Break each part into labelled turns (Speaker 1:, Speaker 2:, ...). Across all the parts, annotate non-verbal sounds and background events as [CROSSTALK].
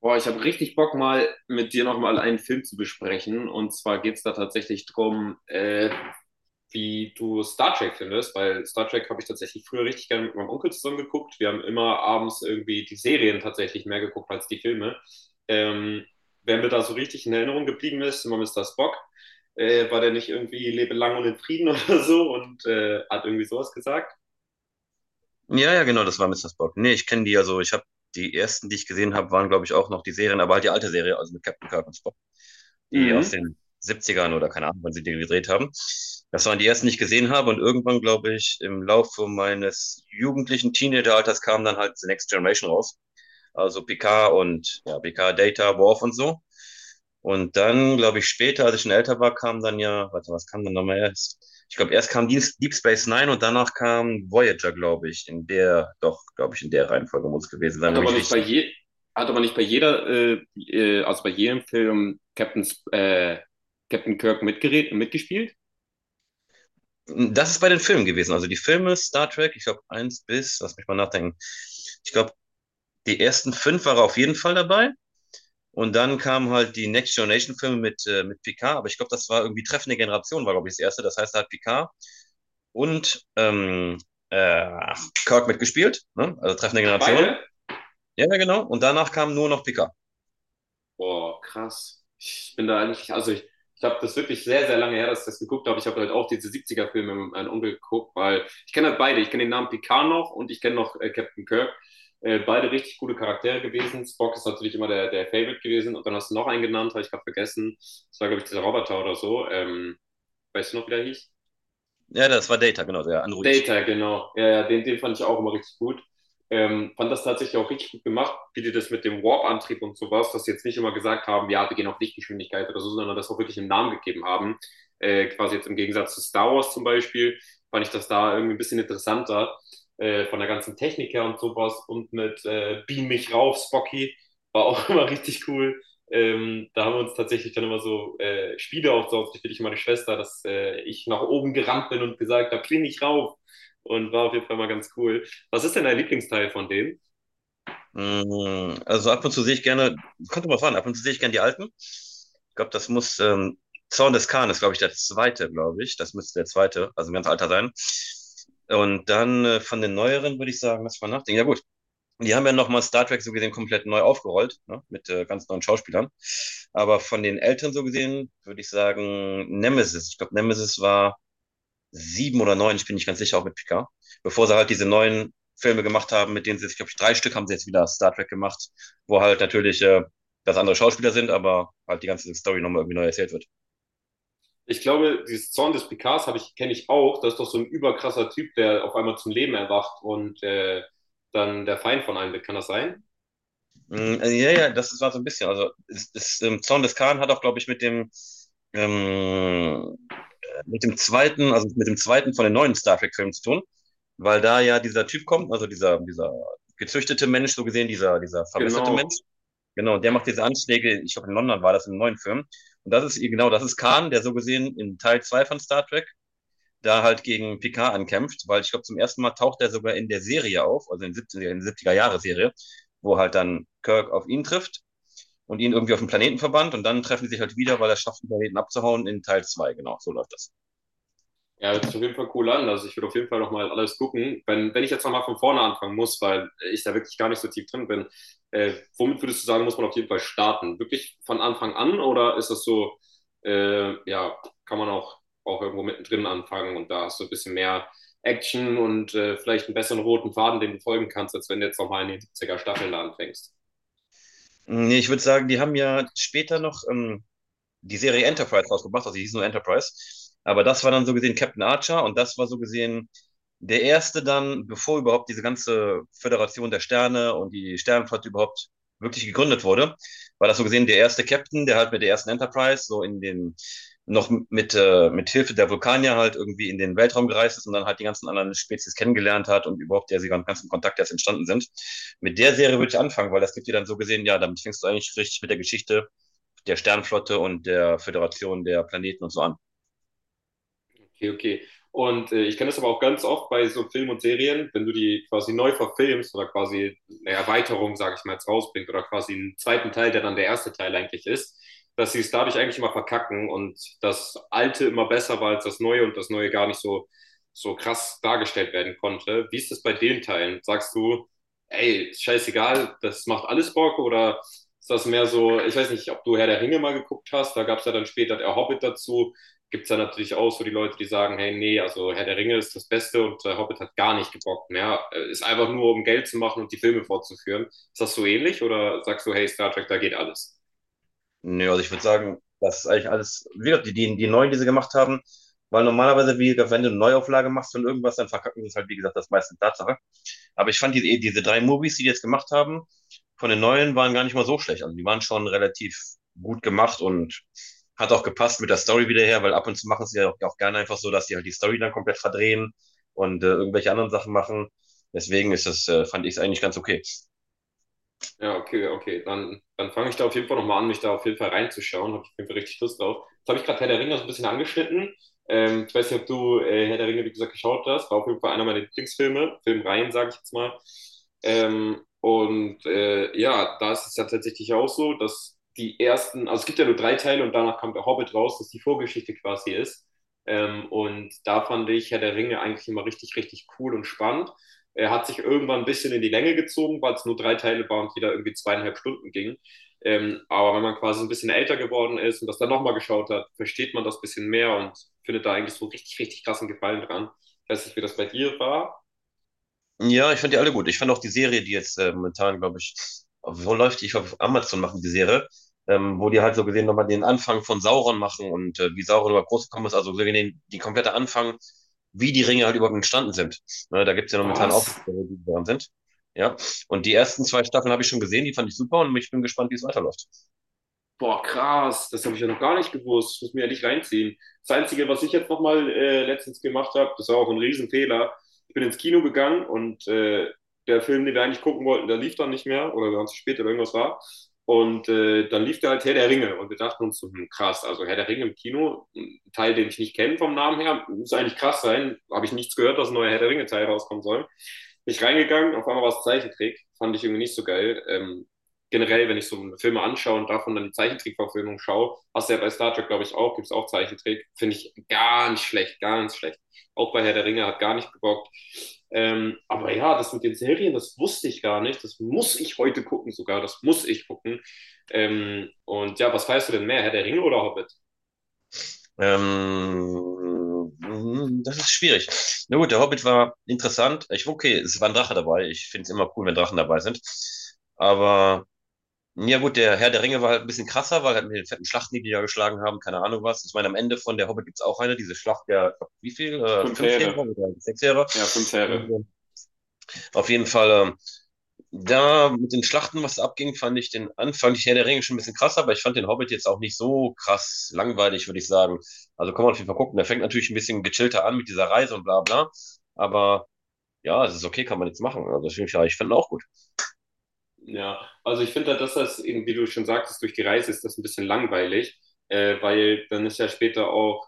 Speaker 1: Boah, ich habe richtig Bock, mal mit dir nochmal einen Film zu besprechen. Und zwar geht's da tatsächlich drum, wie du Star Trek findest, weil Star Trek habe ich tatsächlich früher richtig gerne mit meinem Onkel zusammen geguckt. Wir haben immer abends irgendwie die Serien tatsächlich mehr geguckt als die Filme. Ähm, Wer mir da so richtig in Erinnerung geblieben ist, immer Mr. Spock. War der nicht irgendwie lebe lang und in Frieden [LAUGHS] oder so und hat irgendwie sowas gesagt?
Speaker 2: Ja, ja, genau, das war Mister Spock. Nee, ich kenne die, also ich habe die ersten, die ich gesehen habe, waren, glaube ich, auch noch die Serien, aber halt die alte Serie, also mit Captain Kirk und Spock, die aus
Speaker 1: Mhm.
Speaker 2: den Siebzigern oder keine Ahnung, wann sie die gedreht haben. Das waren die ersten, die ich gesehen habe und irgendwann, glaube ich, im Laufe meines jugendlichen Teenager-Alters kam dann halt The Next Generation raus, also PK und ja, PK Data, Worf und so. Und dann, glaube ich, später, als ich schon älter war, kam dann ja, warte, was kam dann nochmal erst? Ich glaube, erst kam Deep Space Nine und danach kam Voyager, glaube ich, in der, doch, glaube ich, in der Reihenfolge muss es gewesen sein,
Speaker 1: Hat
Speaker 2: wenn ich
Speaker 1: aber
Speaker 2: mich
Speaker 1: nicht bei
Speaker 2: richtig.
Speaker 1: je, hat aber nicht bei jeder, also bei jedem Film Captain, Captain Kirk mitgeredet, mitgespielt?
Speaker 2: Das ist bei den Filmen gewesen. Also die Filme Star Trek, ich glaube, eins bis, lass mich mal nachdenken. Ich glaube, die ersten fünf waren auf jeden Fall dabei. Und dann kamen halt die Next Generation Filme mit Picard, aber ich glaube, das war irgendwie Treffende Generation, war, glaube ich, das erste. Das heißt, da hat Picard und äh, Kirk mitgespielt, ne? Also Treffende Generation.
Speaker 1: Beide?
Speaker 2: Ja, ja, genau. Und danach kam nur noch Picard.
Speaker 1: Boah, krass. Ich bin da eigentlich, also ich habe das wirklich sehr, sehr lange her, dass ich das geguckt habe. Ich habe halt auch diese siebziger filme mit meinem Onkel geguckt, weil ich kenne halt beide. Ich kenne den Namen Picard noch und ich kenne noch Captain Kirk. Beide richtig gute Charaktere gewesen. Spock ist natürlich immer der, der Favorite gewesen. Und dann hast du noch einen genannt, habe ich gerade vergessen. Das war, glaube ich, dieser Roboter oder so. Weißt du noch, wie der hieß?
Speaker 2: Ja, das war Data, genau, der Android.
Speaker 1: Data, genau. Ja, ja, den, den fand ich auch immer richtig gut. Fand das tatsächlich auch richtig gut gemacht, wie die das mit dem Warp-Antrieb und sowas, dass sie jetzt nicht immer gesagt haben, ja, wir gehen auf Lichtgeschwindigkeit oder so, sondern das auch wirklich einen Namen gegeben haben. Quasi jetzt im Gegensatz zu Star Wars zum Beispiel, fand ich das da irgendwie ein bisschen interessanter, von der ganzen Technik her und sowas. Und mit Beam mich rauf, Spocky, war auch [LAUGHS] immer richtig cool. Da haben wir uns tatsächlich dann immer so Spiele aufgebaut, ich und meine Schwester, dass ich nach oben gerannt bin und gesagt habe, kling ich rauf. Und war auf jeden Fall mal ganz cool. Was ist denn dein Lieblingsteil von denen?
Speaker 2: Also ab und zu sehe ich gerne, könnte man fahren, ab und zu sehe ich gerne die alten. Ich glaube, das muss, Zorn des Khan ist, glaube ich, der zweite, glaube ich. Das müsste der zweite, also ein ganz alter sein. Und dann von den neueren würde ich sagen, lass mal nachdenken. Ja, gut. Und die haben ja nochmal Star Trek so gesehen komplett neu aufgerollt, ne? Mit ganz neuen Schauspielern. Aber von den Eltern so gesehen würde ich sagen Nemesis. Ich glaube, Nemesis war sieben oder neun, ich bin nicht ganz sicher, auch mit Picard. Bevor sie halt diese neuen Filme gemacht haben, mit denen sie, ich glaube, drei Stück haben sie jetzt wieder Star Trek gemacht, wo halt natürlich das andere Schauspieler sind, aber halt die ganze Story nochmal irgendwie neu erzählt wird.
Speaker 1: Ich glaube, dieses Zorn des Picards habe ich, kenne ich auch. Das ist doch so ein überkrasser Typ, der auf einmal zum Leben erwacht und dann der Feind von einem wird. Kann das sein?
Speaker 2: Ja, ja, das war so ein bisschen. Also, ist es, Zorn des Khan hat auch, glaube ich, ähm, mit dem zweiten, also mit dem zweiten von den neuen Star Trek-Filmen zu tun, weil da ja dieser Typ kommt, also dieser gezüchtete Mensch, so gesehen, dieser verbesserte Mensch,
Speaker 1: Genau.
Speaker 2: genau, und der macht diese Anschläge, ich glaube in London war das im neuen Film. Und das ist, genau, das ist Khan, der so gesehen in Teil 2 von Star Trek da halt gegen Picard ankämpft, weil ich glaube, zum ersten Mal taucht er sogar in der Serie auf, also in der 70er-Jahre-Serie, wo halt dann Kirk auf ihn trifft und ihn irgendwie auf den Planeten verbannt und dann treffen sie sich halt wieder, weil er schafft, den Planeten abzuhauen in Teil 2, genau, so läuft das.
Speaker 1: Ja, hört sich auf jeden Fall cool an. Also ich würde auf jeden Fall nochmal alles gucken. Wenn ich jetzt nochmal von vorne anfangen muss, weil ich da wirklich gar nicht so tief drin bin, womit würdest du sagen, muss man auf jeden Fall starten? Wirklich von Anfang an oder ist das so, ja, kann man auch, auch irgendwo mittendrin anfangen und da hast du ein bisschen mehr Action und vielleicht einen besseren roten Faden, den du folgen kannst, als wenn du jetzt nochmal in die 70er Staffeln da anfängst?
Speaker 2: Nee, ich würde sagen, die haben ja später noch, die Serie Enterprise rausgebracht, also die hieß nur Enterprise. Aber das war dann so gesehen Captain Archer und das war so gesehen der erste dann, bevor überhaupt diese ganze Föderation der Sterne und die Sternenflotte überhaupt wirklich gegründet wurde, war das so gesehen der erste Captain, der halt mit der ersten Enterprise so in den noch mit Hilfe der Vulkanier halt irgendwie in den Weltraum gereist ist und dann halt die ganzen anderen Spezies kennengelernt hat und überhaupt der sie ganzen Kontakt erst entstanden sind. Mit der Serie würde ich anfangen, weil das gibt dir dann so gesehen, ja, damit fängst du eigentlich richtig mit der Geschichte der Sternflotte und der Föderation der Planeten und so an.
Speaker 1: Okay, okay. Und ich kenne das aber auch ganz oft bei so Filmen und Serien, wenn du die quasi neu verfilmst oder quasi eine Erweiterung, sage ich mal, jetzt rausbringst oder quasi einen zweiten Teil, der dann der erste Teil eigentlich ist, dass sie es dadurch eigentlich immer verkacken und das Alte immer besser war als das Neue und das Neue gar nicht so, so krass dargestellt werden konnte. Wie ist das bei den Teilen? Sagst du, ey, scheißegal, das macht alles Bock oder ist das mehr so, ich weiß nicht, ob du Herr der Ringe mal geguckt hast, da gab es ja dann später der Hobbit dazu, gibt es dann natürlich auch so die Leute, die sagen, hey, nee, also Herr der Ringe ist das Beste und Hobbit hat gar nicht gebockt mehr. Ist einfach nur, um Geld zu machen und die Filme fortzuführen. Ist das so ähnlich oder sagst du, hey, Star Trek, da geht alles?
Speaker 2: Ja, also ich würde sagen, das ist eigentlich alles, wie gesagt, die neuen, die sie gemacht haben, weil normalerweise, wie gesagt, wenn du eine Neuauflage machst von irgendwas, dann verkacken sie es halt, wie gesagt, das meiste Tatsache. Aber ich fand diese drei Movies, die die jetzt gemacht haben, von den neuen waren gar nicht mal so schlecht. Also die waren schon relativ gut gemacht und hat auch gepasst mit der Story wieder her, weil ab und zu machen sie ja auch, auch gerne einfach so, dass die halt die Story dann komplett verdrehen und irgendwelche anderen Sachen machen. Deswegen ist das, fand ich es eigentlich ganz okay.
Speaker 1: Ja, okay, okay. Dann fange ich da auf jeden Fall nochmal an, mich da auf jeden Fall reinzuschauen. Habe ich auf jeden Fall richtig Lust drauf. Jetzt habe ich gerade Herr der Ringe so ein bisschen angeschnitten. Ich weiß nicht, ob du Herr der Ringe, wie gesagt, geschaut hast. War auf jeden Fall einer meiner Lieblingsfilme. Filmreihen, sage ich jetzt mal. Ja, da ist es ja tatsächlich auch so, dass die ersten, also es gibt ja nur drei Teile und danach kam der Hobbit raus, dass die Vorgeschichte quasi ist. Und da fand ich Herr der Ringe eigentlich immer richtig, richtig cool und spannend. Er hat sich irgendwann ein bisschen in die Länge gezogen, weil es nur drei Teile war und jeder irgendwie zweieinhalb Stunden ging. Aber wenn man quasi ein bisschen älter geworden ist und das dann nochmal geschaut hat, versteht man das ein bisschen mehr und findet da eigentlich so richtig, richtig krassen Gefallen dran. Ich weiß nicht, wie das bei dir war.
Speaker 2: Ja, ich fand die alle gut. Ich fand auch die Serie, die jetzt momentan, glaube ich, wo läuft die? Ich glaube, auf Amazon machen die Serie, wo die halt so gesehen nochmal den Anfang von Sauron machen und wie Sauron überhaupt groß gekommen ist. Also so gesehen den, die komplette Anfang, wie die Ringe halt überhaupt entstanden sind. Ne, da gibt's ja momentan auch
Speaker 1: Was?
Speaker 2: Serien, die dran sind. Ja, und die ersten zwei Staffeln habe ich schon gesehen, die fand ich super und ich bin gespannt, wie es weiterläuft.
Speaker 1: Boah, krass, das habe ich ja noch gar nicht gewusst. Ich muss mir ja nicht reinziehen. Das Einzige, was ich jetzt nochmal letztens gemacht habe, das war auch ein Riesenfehler. Ich bin ins Kino gegangen und der Film, den wir eigentlich gucken wollten, der lief dann nicht mehr oder wir waren zu spät oder irgendwas war. Und dann lief da halt Herr der Ringe und wir dachten uns, so, hm, krass, also Herr der Ringe im Kino, ein Teil, den ich nicht kenne vom Namen her, muss eigentlich krass sein. Habe ich nichts gehört, dass ein neuer Herr der Ringe-Teil rauskommen soll. Bin ich reingegangen, auf einmal war es Zeichentrick, fand ich irgendwie nicht so geil. Generell, wenn ich so Filme anschaue und davon dann die Zeichentrickverfilmung schaue, hast du ja bei Star Trek, glaube ich, auch, gibt es auch Zeichentrick, finde ich ganz schlecht, ganz schlecht. Auch bei Herr der Ringe hat gar nicht gebockt. Aber ja, das mit den Serien, das wusste ich gar nicht. Das muss ich heute gucken sogar, das muss ich gucken. Und ja, was weißt du denn mehr, Herr der Ringe oder Hobbit?
Speaker 2: Ähm, das ist schwierig. Na gut, der Hobbit war interessant. Ich, okay, es war ein Drache dabei. Ich finde es immer cool, wenn Drachen dabei sind. Aber ja gut, der Herr der Ringe war halt ein bisschen krasser, weil halt mit den fetten Schlachten, die die da geschlagen haben, keine Ahnung was. Ich meine, am Ende von der Hobbit gibt's auch eine, diese Schlacht der, ich glaub, wie viel?
Speaker 1: Fünf
Speaker 2: Fünf Heere
Speaker 1: Fähre.
Speaker 2: oder sechs Heere.
Speaker 1: Ja, fünf Fähre.
Speaker 2: Und, auf jeden Fall, da mit den Schlachten, was abging, fand ich den Anfang, ich Herr der Ringe schon ein bisschen krasser, aber ich fand den Hobbit jetzt auch nicht so krass langweilig, würde ich sagen. Also kann man auf jeden Fall gucken. Der fängt natürlich ein bisschen gechillter an mit dieser Reise und bla bla. Aber ja, es ist okay, kann man jetzt machen. Also ich, ja, ich fand ihn auch gut.
Speaker 1: Ja, also ich finde, dass das eben, wie du schon sagtest, durch die Reise ist das ein bisschen langweilig, weil dann ist ja später auch,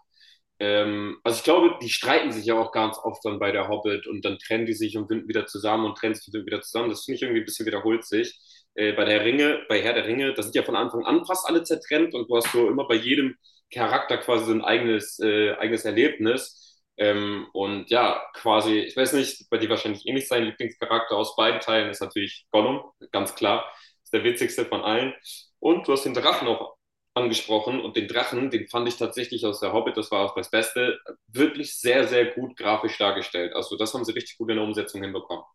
Speaker 1: also ich glaube, die streiten sich ja auch ganz oft dann bei der Hobbit und dann trennen die sich und finden wieder zusammen und trennen sich wieder zusammen. Das finde ich irgendwie ein bisschen wiederholt sich. Bei der Ringe, bei Herr der Ringe, da sind ja von Anfang an fast alle zertrennt und du hast so immer bei jedem Charakter quasi so ein eigenes, eigenes Erlebnis. Und ja, quasi, ich weiß nicht, bei dir wahrscheinlich ähnlich sein Lieblingscharakter aus beiden Teilen ist natürlich Gollum, ganz klar. Ist der witzigste von allen. Und du hast den Drachen auch angesprochen und den Drachen, den fand ich tatsächlich aus der Hobbit, das war auch das Beste, wirklich sehr, sehr gut grafisch dargestellt. Also das haben sie richtig gut in der Umsetzung hinbekommen.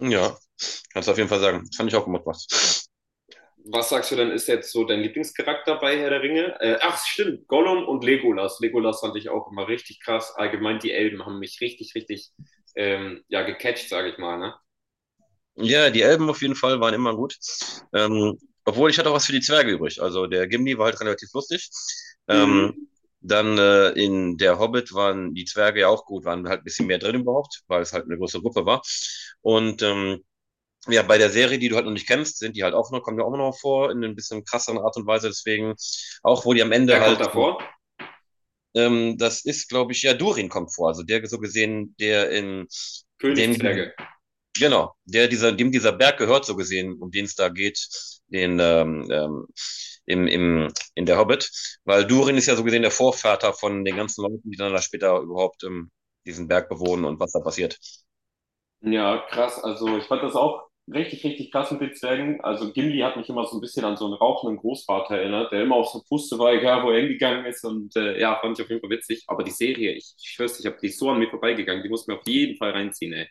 Speaker 2: Ja, kannst du auf jeden Fall sagen. Das fand ich auch gut gemacht.
Speaker 1: Was sagst du denn, ist jetzt so dein Lieblingscharakter bei Herr der Ringe? Stimmt, Gollum und Legolas. Legolas fand ich auch immer richtig krass. Allgemein die Elben haben mich richtig, richtig ja, gecatcht, sage ich mal. Ne?
Speaker 2: Ja, die Elben auf jeden Fall waren immer gut. Ähm, obwohl ich hatte auch was für die Zwerge übrig. Also der Gimli war halt relativ lustig. Ähm,
Speaker 1: Mhm.
Speaker 2: dann in der Hobbit waren die Zwerge ja auch gut, waren halt ein bisschen mehr drin überhaupt, weil es halt eine große Gruppe war. Und ja, bei der Serie, die du halt noch nicht kennst, sind die halt auch noch, kommen ja auch noch vor in ein bisschen krasseren Art und Weise. Deswegen, auch wo die am
Speaker 1: Wer
Speaker 2: Ende
Speaker 1: kommt
Speaker 2: halt,
Speaker 1: davor?
Speaker 2: das ist, glaube ich, ja, Durin kommt vor. Also der so gesehen, der in dem
Speaker 1: Königszwerge.
Speaker 2: genau, der dieser, dem dieser Berg gehört, so gesehen, um den es da geht, den in der Hobbit. Weil Durin ist ja so gesehen der Vorvater von den ganzen Leuten, die dann da später überhaupt diesen Berg bewohnen und was da passiert.
Speaker 1: Ja, krass. Also ich fand das auch richtig, richtig krass mit den Zwergen. Also Gimli hat mich immer so ein bisschen an so einen rauchenden Großvater erinnert, der immer auf so Puste war, egal wo er hingegangen ist. Und ja, fand ich auf jeden Fall witzig. Aber die Serie, ich schwör's, ich habe die ist so an mir vorbeigegangen. Die muss mir auf jeden Fall reinziehen, ey.